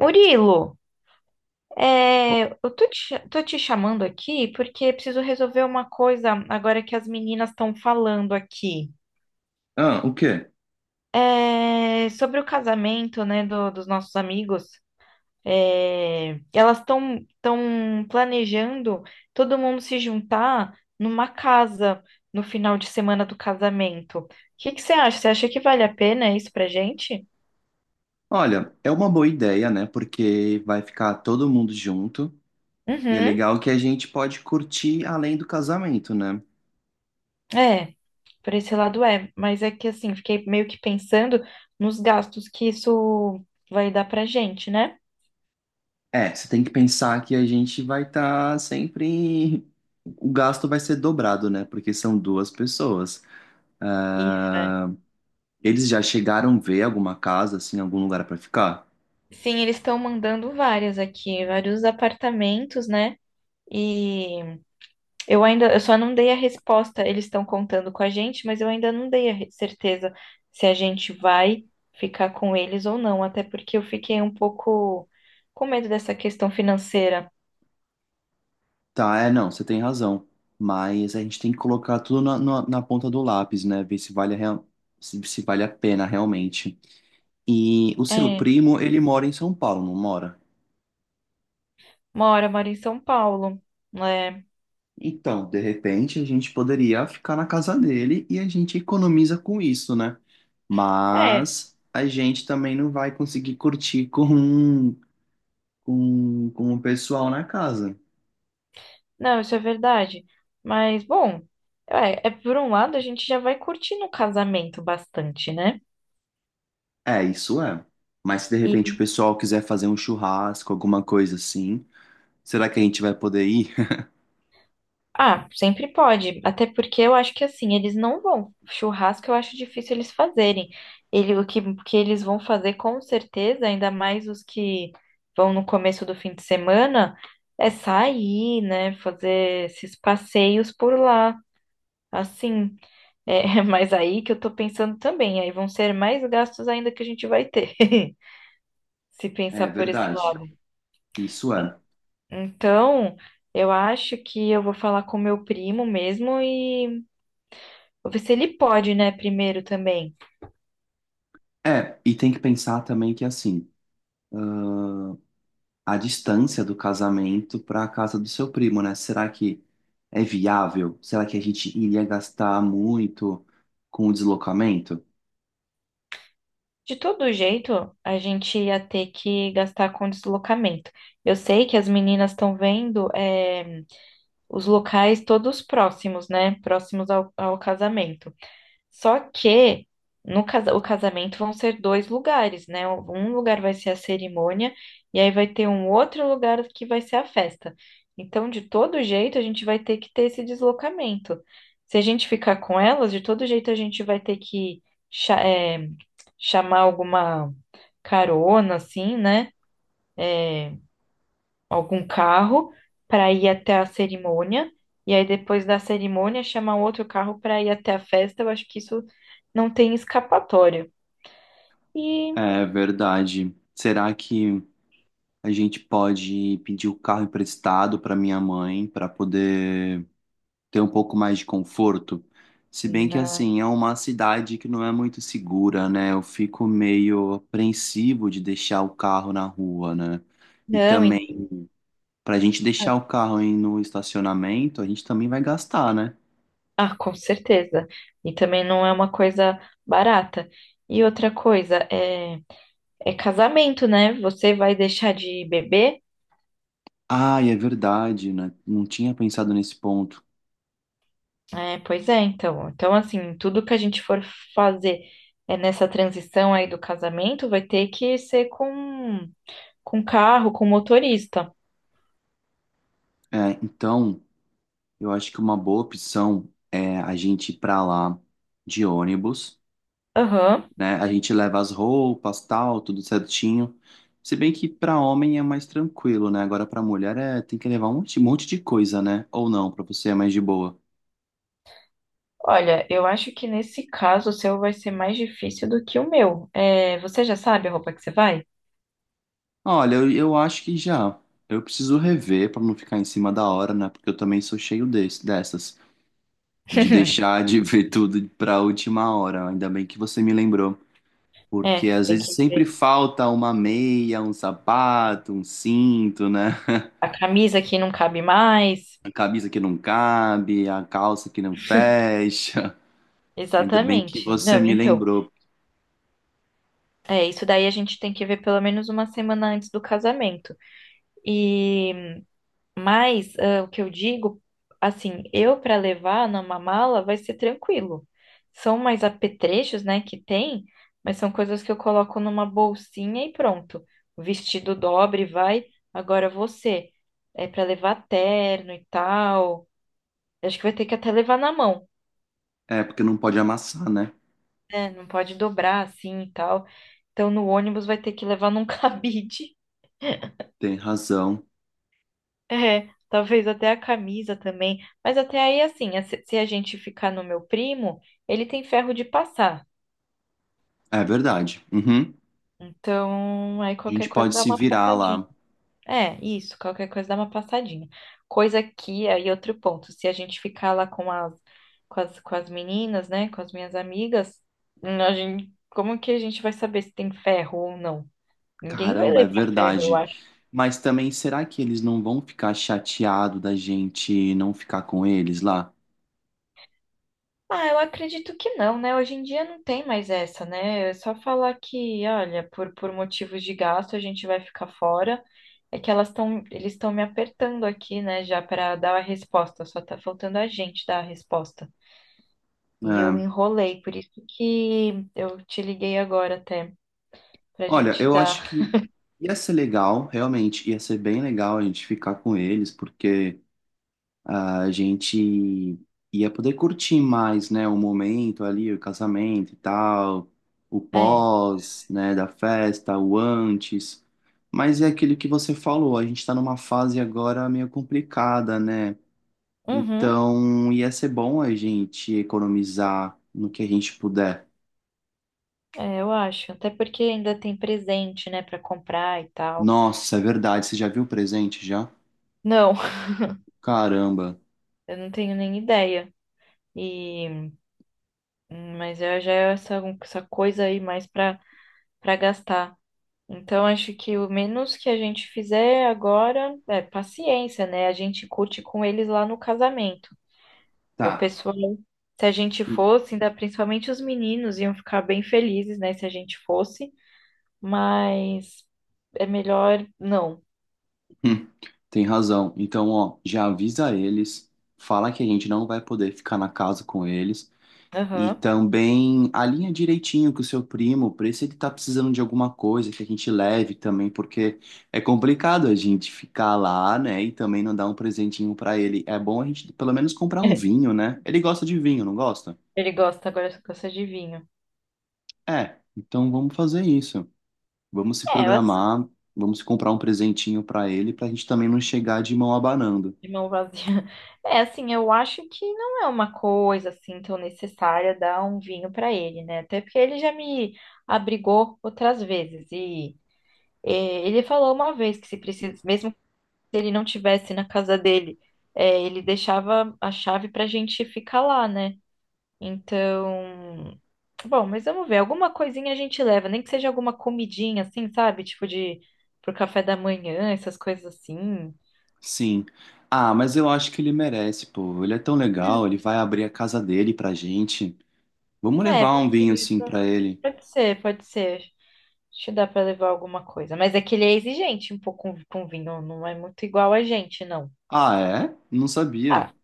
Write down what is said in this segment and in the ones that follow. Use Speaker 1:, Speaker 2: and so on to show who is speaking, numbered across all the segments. Speaker 1: Murilo, eu tô te, tô te chamando aqui porque preciso resolver uma coisa agora que as meninas estão falando aqui.
Speaker 2: Ah, o quê?
Speaker 1: Sobre o casamento, né, dos nossos amigos. Elas estão planejando todo mundo se juntar numa casa no final de semana do casamento. O que que você acha? Você acha que vale a pena isso pra gente?
Speaker 2: Olha, é uma boa ideia, né? Porque vai ficar todo mundo junto e é
Speaker 1: Uhum.
Speaker 2: legal que a gente pode curtir além do casamento, né?
Speaker 1: É, por esse lado é, mas é que assim, fiquei meio que pensando nos gastos que isso vai dar pra gente, né?
Speaker 2: É, você tem que pensar que a gente vai estar sempre. O gasto vai ser dobrado, né? Porque são duas pessoas.
Speaker 1: Isso, é.
Speaker 2: Ah, eles já chegaram a ver alguma casa, assim, algum lugar pra ficar?
Speaker 1: Sim, eles estão mandando várias aqui, vários apartamentos, né? E eu só não dei a resposta, eles estão contando com a gente, mas eu ainda não dei a certeza se a gente vai ficar com eles ou não, até porque eu fiquei um pouco com medo dessa questão financeira.
Speaker 2: Tá, é, não, você tem razão. Mas a gente tem que colocar tudo na ponta do lápis, né? Ver se vale a, se vale a pena realmente. E o seu
Speaker 1: É,
Speaker 2: primo, ele mora em São Paulo, não mora?
Speaker 1: mora, mora em São Paulo, né?
Speaker 2: Então, de repente, a gente poderia ficar na casa dele e a gente economiza com isso, né?
Speaker 1: É.
Speaker 2: Mas a gente também não vai conseguir curtir com o pessoal na casa.
Speaker 1: Não, isso é verdade. Mas, bom, é por um lado a gente já vai curtindo o casamento bastante, né?
Speaker 2: É, isso é. Mas se de repente o
Speaker 1: E,
Speaker 2: pessoal quiser fazer um churrasco, alguma coisa assim, será que a gente vai poder ir?
Speaker 1: ah, sempre pode. Até porque eu acho que assim, eles não vão. Churrasco eu acho difícil eles fazerem. O que, que eles vão fazer com certeza, ainda mais os que vão no começo do fim de semana, é sair, né? Fazer esses passeios por lá. Assim, é, mas aí que eu tô pensando também, aí vão ser mais gastos ainda que a gente vai ter. Se
Speaker 2: É
Speaker 1: pensar por esse
Speaker 2: verdade.
Speaker 1: lado.
Speaker 2: Isso é.
Speaker 1: Então, eu acho que eu vou falar com meu primo mesmo e vou ver se ele pode, né, primeiro também.
Speaker 2: É, e tem que pensar também que assim. A distância do casamento para a casa do seu primo, né? Será que é viável? Será que a gente iria gastar muito com o deslocamento?
Speaker 1: De todo jeito, a gente ia ter que gastar com deslocamento. Eu sei que as meninas estão vendo, os locais todos próximos, né? Próximos ao, ao casamento. Só que no o casamento vão ser dois lugares, né? Um lugar vai ser a cerimônia e aí vai ter um outro lugar que vai ser a festa. Então, de todo jeito, a gente vai ter que ter esse deslocamento. Se a gente ficar com elas, de todo jeito a gente vai ter que cha- é, chamar alguma carona, assim, né? Eh, Algum carro para ir até a cerimônia, e aí depois da cerimônia chamar outro carro para ir até a festa. Eu acho que isso não tem escapatória. E
Speaker 2: É verdade. Será que a gente pode pedir o carro emprestado para minha mãe para poder ter um pouco mais de conforto? Se bem que
Speaker 1: na-
Speaker 2: assim, é uma cidade que não é muito segura, né? Eu fico meio apreensivo de deixar o carro na rua, né? E
Speaker 1: não,
Speaker 2: também pra gente deixar o carro aí no estacionamento, a gente também vai gastar, né?
Speaker 1: ah, com certeza. E também não é uma coisa barata. E outra coisa, é casamento, né? Você vai deixar de beber?
Speaker 2: Ah, e é verdade, né? Não tinha pensado nesse ponto.
Speaker 1: É, pois é, então. Então, assim, tudo que a gente for fazer é nessa transição aí do casamento vai ter que ser com carro, com motorista.
Speaker 2: É, então, eu acho que uma boa opção é a gente ir pra lá de ônibus,
Speaker 1: Aham.
Speaker 2: né? A gente leva as roupas, tal, tudo certinho. Se bem que pra homem é mais tranquilo, né? Agora pra mulher é, tem que levar um monte de coisa, né? Ou não, pra você é mais de boa.
Speaker 1: Olha, eu acho que nesse caso o seu vai ser mais difícil do que o meu. É, você já sabe a roupa que você vai?
Speaker 2: Olha, eu acho que já. Eu preciso rever pra não ficar em cima da hora, né? Porque eu também sou cheio desse, dessas. De deixar de ver tudo para a última hora. Ainda bem que você me lembrou, porque
Speaker 1: É,
Speaker 2: às
Speaker 1: tem
Speaker 2: vezes
Speaker 1: que
Speaker 2: sempre
Speaker 1: ver.
Speaker 2: falta uma meia, um sapato, um cinto, né?
Speaker 1: A camisa que não cabe mais.
Speaker 2: A camisa que não cabe, a calça que não fecha. Ainda bem que
Speaker 1: Exatamente.
Speaker 2: você
Speaker 1: Não,
Speaker 2: me
Speaker 1: então,
Speaker 2: lembrou.
Speaker 1: é, isso daí a gente tem que ver pelo menos uma semana antes do casamento. E mas ah, o que eu digo, assim, eu para levar numa mala vai ser tranquilo. São mais apetrechos, né, que tem, mas são coisas que eu coloco numa bolsinha e pronto. O vestido dobre, vai. Agora você, é para levar terno e tal. Eu acho que vai ter que até levar na mão,
Speaker 2: É, porque não pode amassar, né?
Speaker 1: né? Não pode dobrar assim e tal. Então no ônibus vai ter que levar num cabide.
Speaker 2: Tem razão.
Speaker 1: É, talvez até a camisa também. Mas até aí, assim, se a gente ficar no meu primo, ele tem ferro de passar.
Speaker 2: É verdade. Uhum.
Speaker 1: Então, aí
Speaker 2: A
Speaker 1: qualquer
Speaker 2: gente
Speaker 1: coisa
Speaker 2: pode
Speaker 1: dá
Speaker 2: se
Speaker 1: uma
Speaker 2: virar
Speaker 1: passadinha.
Speaker 2: lá.
Speaker 1: É, isso, qualquer coisa dá uma passadinha. Coisa que, aí outro ponto, se a gente ficar lá com as meninas, né, com as minhas amigas, a gente, como que a gente vai saber se tem ferro ou não? Ninguém vai
Speaker 2: Caramba, é
Speaker 1: levar ferro, eu
Speaker 2: verdade. Mas também, será que eles não vão ficar chateados da gente não ficar com eles lá?
Speaker 1: ah, eu acredito que não, né? Hoje em dia não tem mais essa, né? É só falar que, olha, por motivos de gasto a gente vai ficar fora. É que eles estão me apertando aqui, né, já para dar a resposta. Só tá faltando a gente dar a resposta. E eu
Speaker 2: É,
Speaker 1: enrolei, por isso que eu te liguei agora até pra
Speaker 2: olha,
Speaker 1: gente
Speaker 2: eu
Speaker 1: dar.
Speaker 2: acho que ia ser legal, realmente, ia ser bem legal a gente ficar com eles, porque a gente ia poder curtir mais, né, o momento ali, o casamento e tal, o
Speaker 1: É,
Speaker 2: pós, né, da festa, o antes. Mas é aquilo que você falou, a gente tá numa fase agora meio complicada, né?
Speaker 1: uhum,
Speaker 2: Então ia ser bom a gente economizar no que a gente puder.
Speaker 1: é, eu acho. Até porque ainda tem presente, né, pra comprar e tal.
Speaker 2: Nossa, é verdade, você já viu o presente já?
Speaker 1: Não,
Speaker 2: Caramba.
Speaker 1: eu não tenho nem ideia. E hum, mas eu já é essa, essa coisa aí mais para para gastar. Então, acho que o menos que a gente fizer agora é paciência, né? A gente curte com eles lá no casamento.
Speaker 2: Tá.
Speaker 1: O pessoal, se a gente
Speaker 2: Hum,
Speaker 1: fosse, ainda principalmente os meninos, iam ficar bem felizes, né? Se a gente fosse, mas é melhor não.
Speaker 2: tem razão. Então, ó, já avisa eles, fala que a gente não vai poder ficar na casa com eles e
Speaker 1: Aham.
Speaker 2: também alinha direitinho com o seu primo, para se ele tá precisando de alguma coisa que a gente leve também, porque é complicado a gente ficar lá, né, e também não dar um presentinho para ele. É bom a gente pelo menos comprar um vinho, né? Ele gosta de vinho, não gosta?
Speaker 1: Ele gosta, agora só gosta de vinho.
Speaker 2: É, então vamos fazer isso. Vamos se
Speaker 1: É, eu
Speaker 2: programar, vamos comprar um presentinho para ele, pra gente também não chegar de mão abanando.
Speaker 1: de mão vazia. É, assim, eu acho que não é uma coisa assim tão necessária dar um vinho para ele, né? Até porque ele já me abrigou outras vezes e ele falou uma vez que se precisa, mesmo que ele não tivesse na casa dele, ele deixava a chave para a gente ficar lá, né? Então, bom, mas vamos ver. Alguma coisinha a gente leva, nem que seja alguma comidinha, assim, sabe? Tipo de pro café da manhã, essas coisas assim.
Speaker 2: Sim. Ah, mas eu acho que ele merece, pô. Ele é tão legal,
Speaker 1: Hum.
Speaker 2: ele vai abrir a casa dele pra gente. Vamos
Speaker 1: É,
Speaker 2: levar um vinho assim pra ele.
Speaker 1: pode ser, pode ser. Acho que dá pra levar alguma coisa. Mas é que ele é exigente um pouco com vinho, não é muito igual a gente, não.
Speaker 2: Ah, é? Não sabia.
Speaker 1: Ah,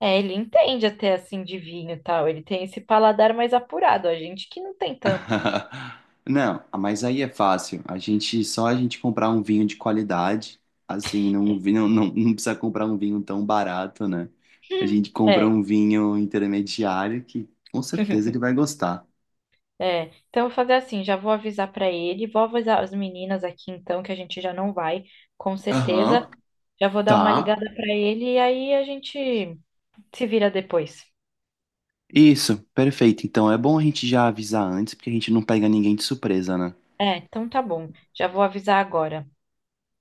Speaker 1: é, ele entende até assim de vinho e tal. Ele tem esse paladar mais apurado, a gente que não tem tanto.
Speaker 2: Não, ah, mas aí é fácil. A gente só a gente comprar um vinho de qualidade, assim, não, não, não, não precisa comprar um vinho tão barato, né? A gente compra
Speaker 1: É,
Speaker 2: um vinho intermediário que com certeza ele vai gostar.
Speaker 1: é. Então eu vou fazer assim, já vou avisar pra ele, vou avisar as meninas aqui então que a gente já não vai, com
Speaker 2: Aham.
Speaker 1: certeza. Já vou dar uma
Speaker 2: Tá.
Speaker 1: ligada pra ele e aí a gente se vira depois.
Speaker 2: Isso, perfeito. Então é bom a gente já avisar antes, porque a gente não pega ninguém de surpresa, né?
Speaker 1: É, então tá bom. Já vou avisar agora.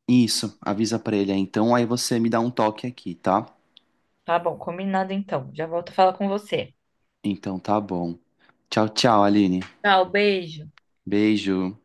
Speaker 2: Isso, avisa pra ele aí. Então aí você me dá um toque aqui, tá?
Speaker 1: Tá bom, combinado então. Já volto a falar com você.
Speaker 2: Então tá bom. Tchau, tchau, Aline.
Speaker 1: Tchau, beijo.
Speaker 2: Beijo.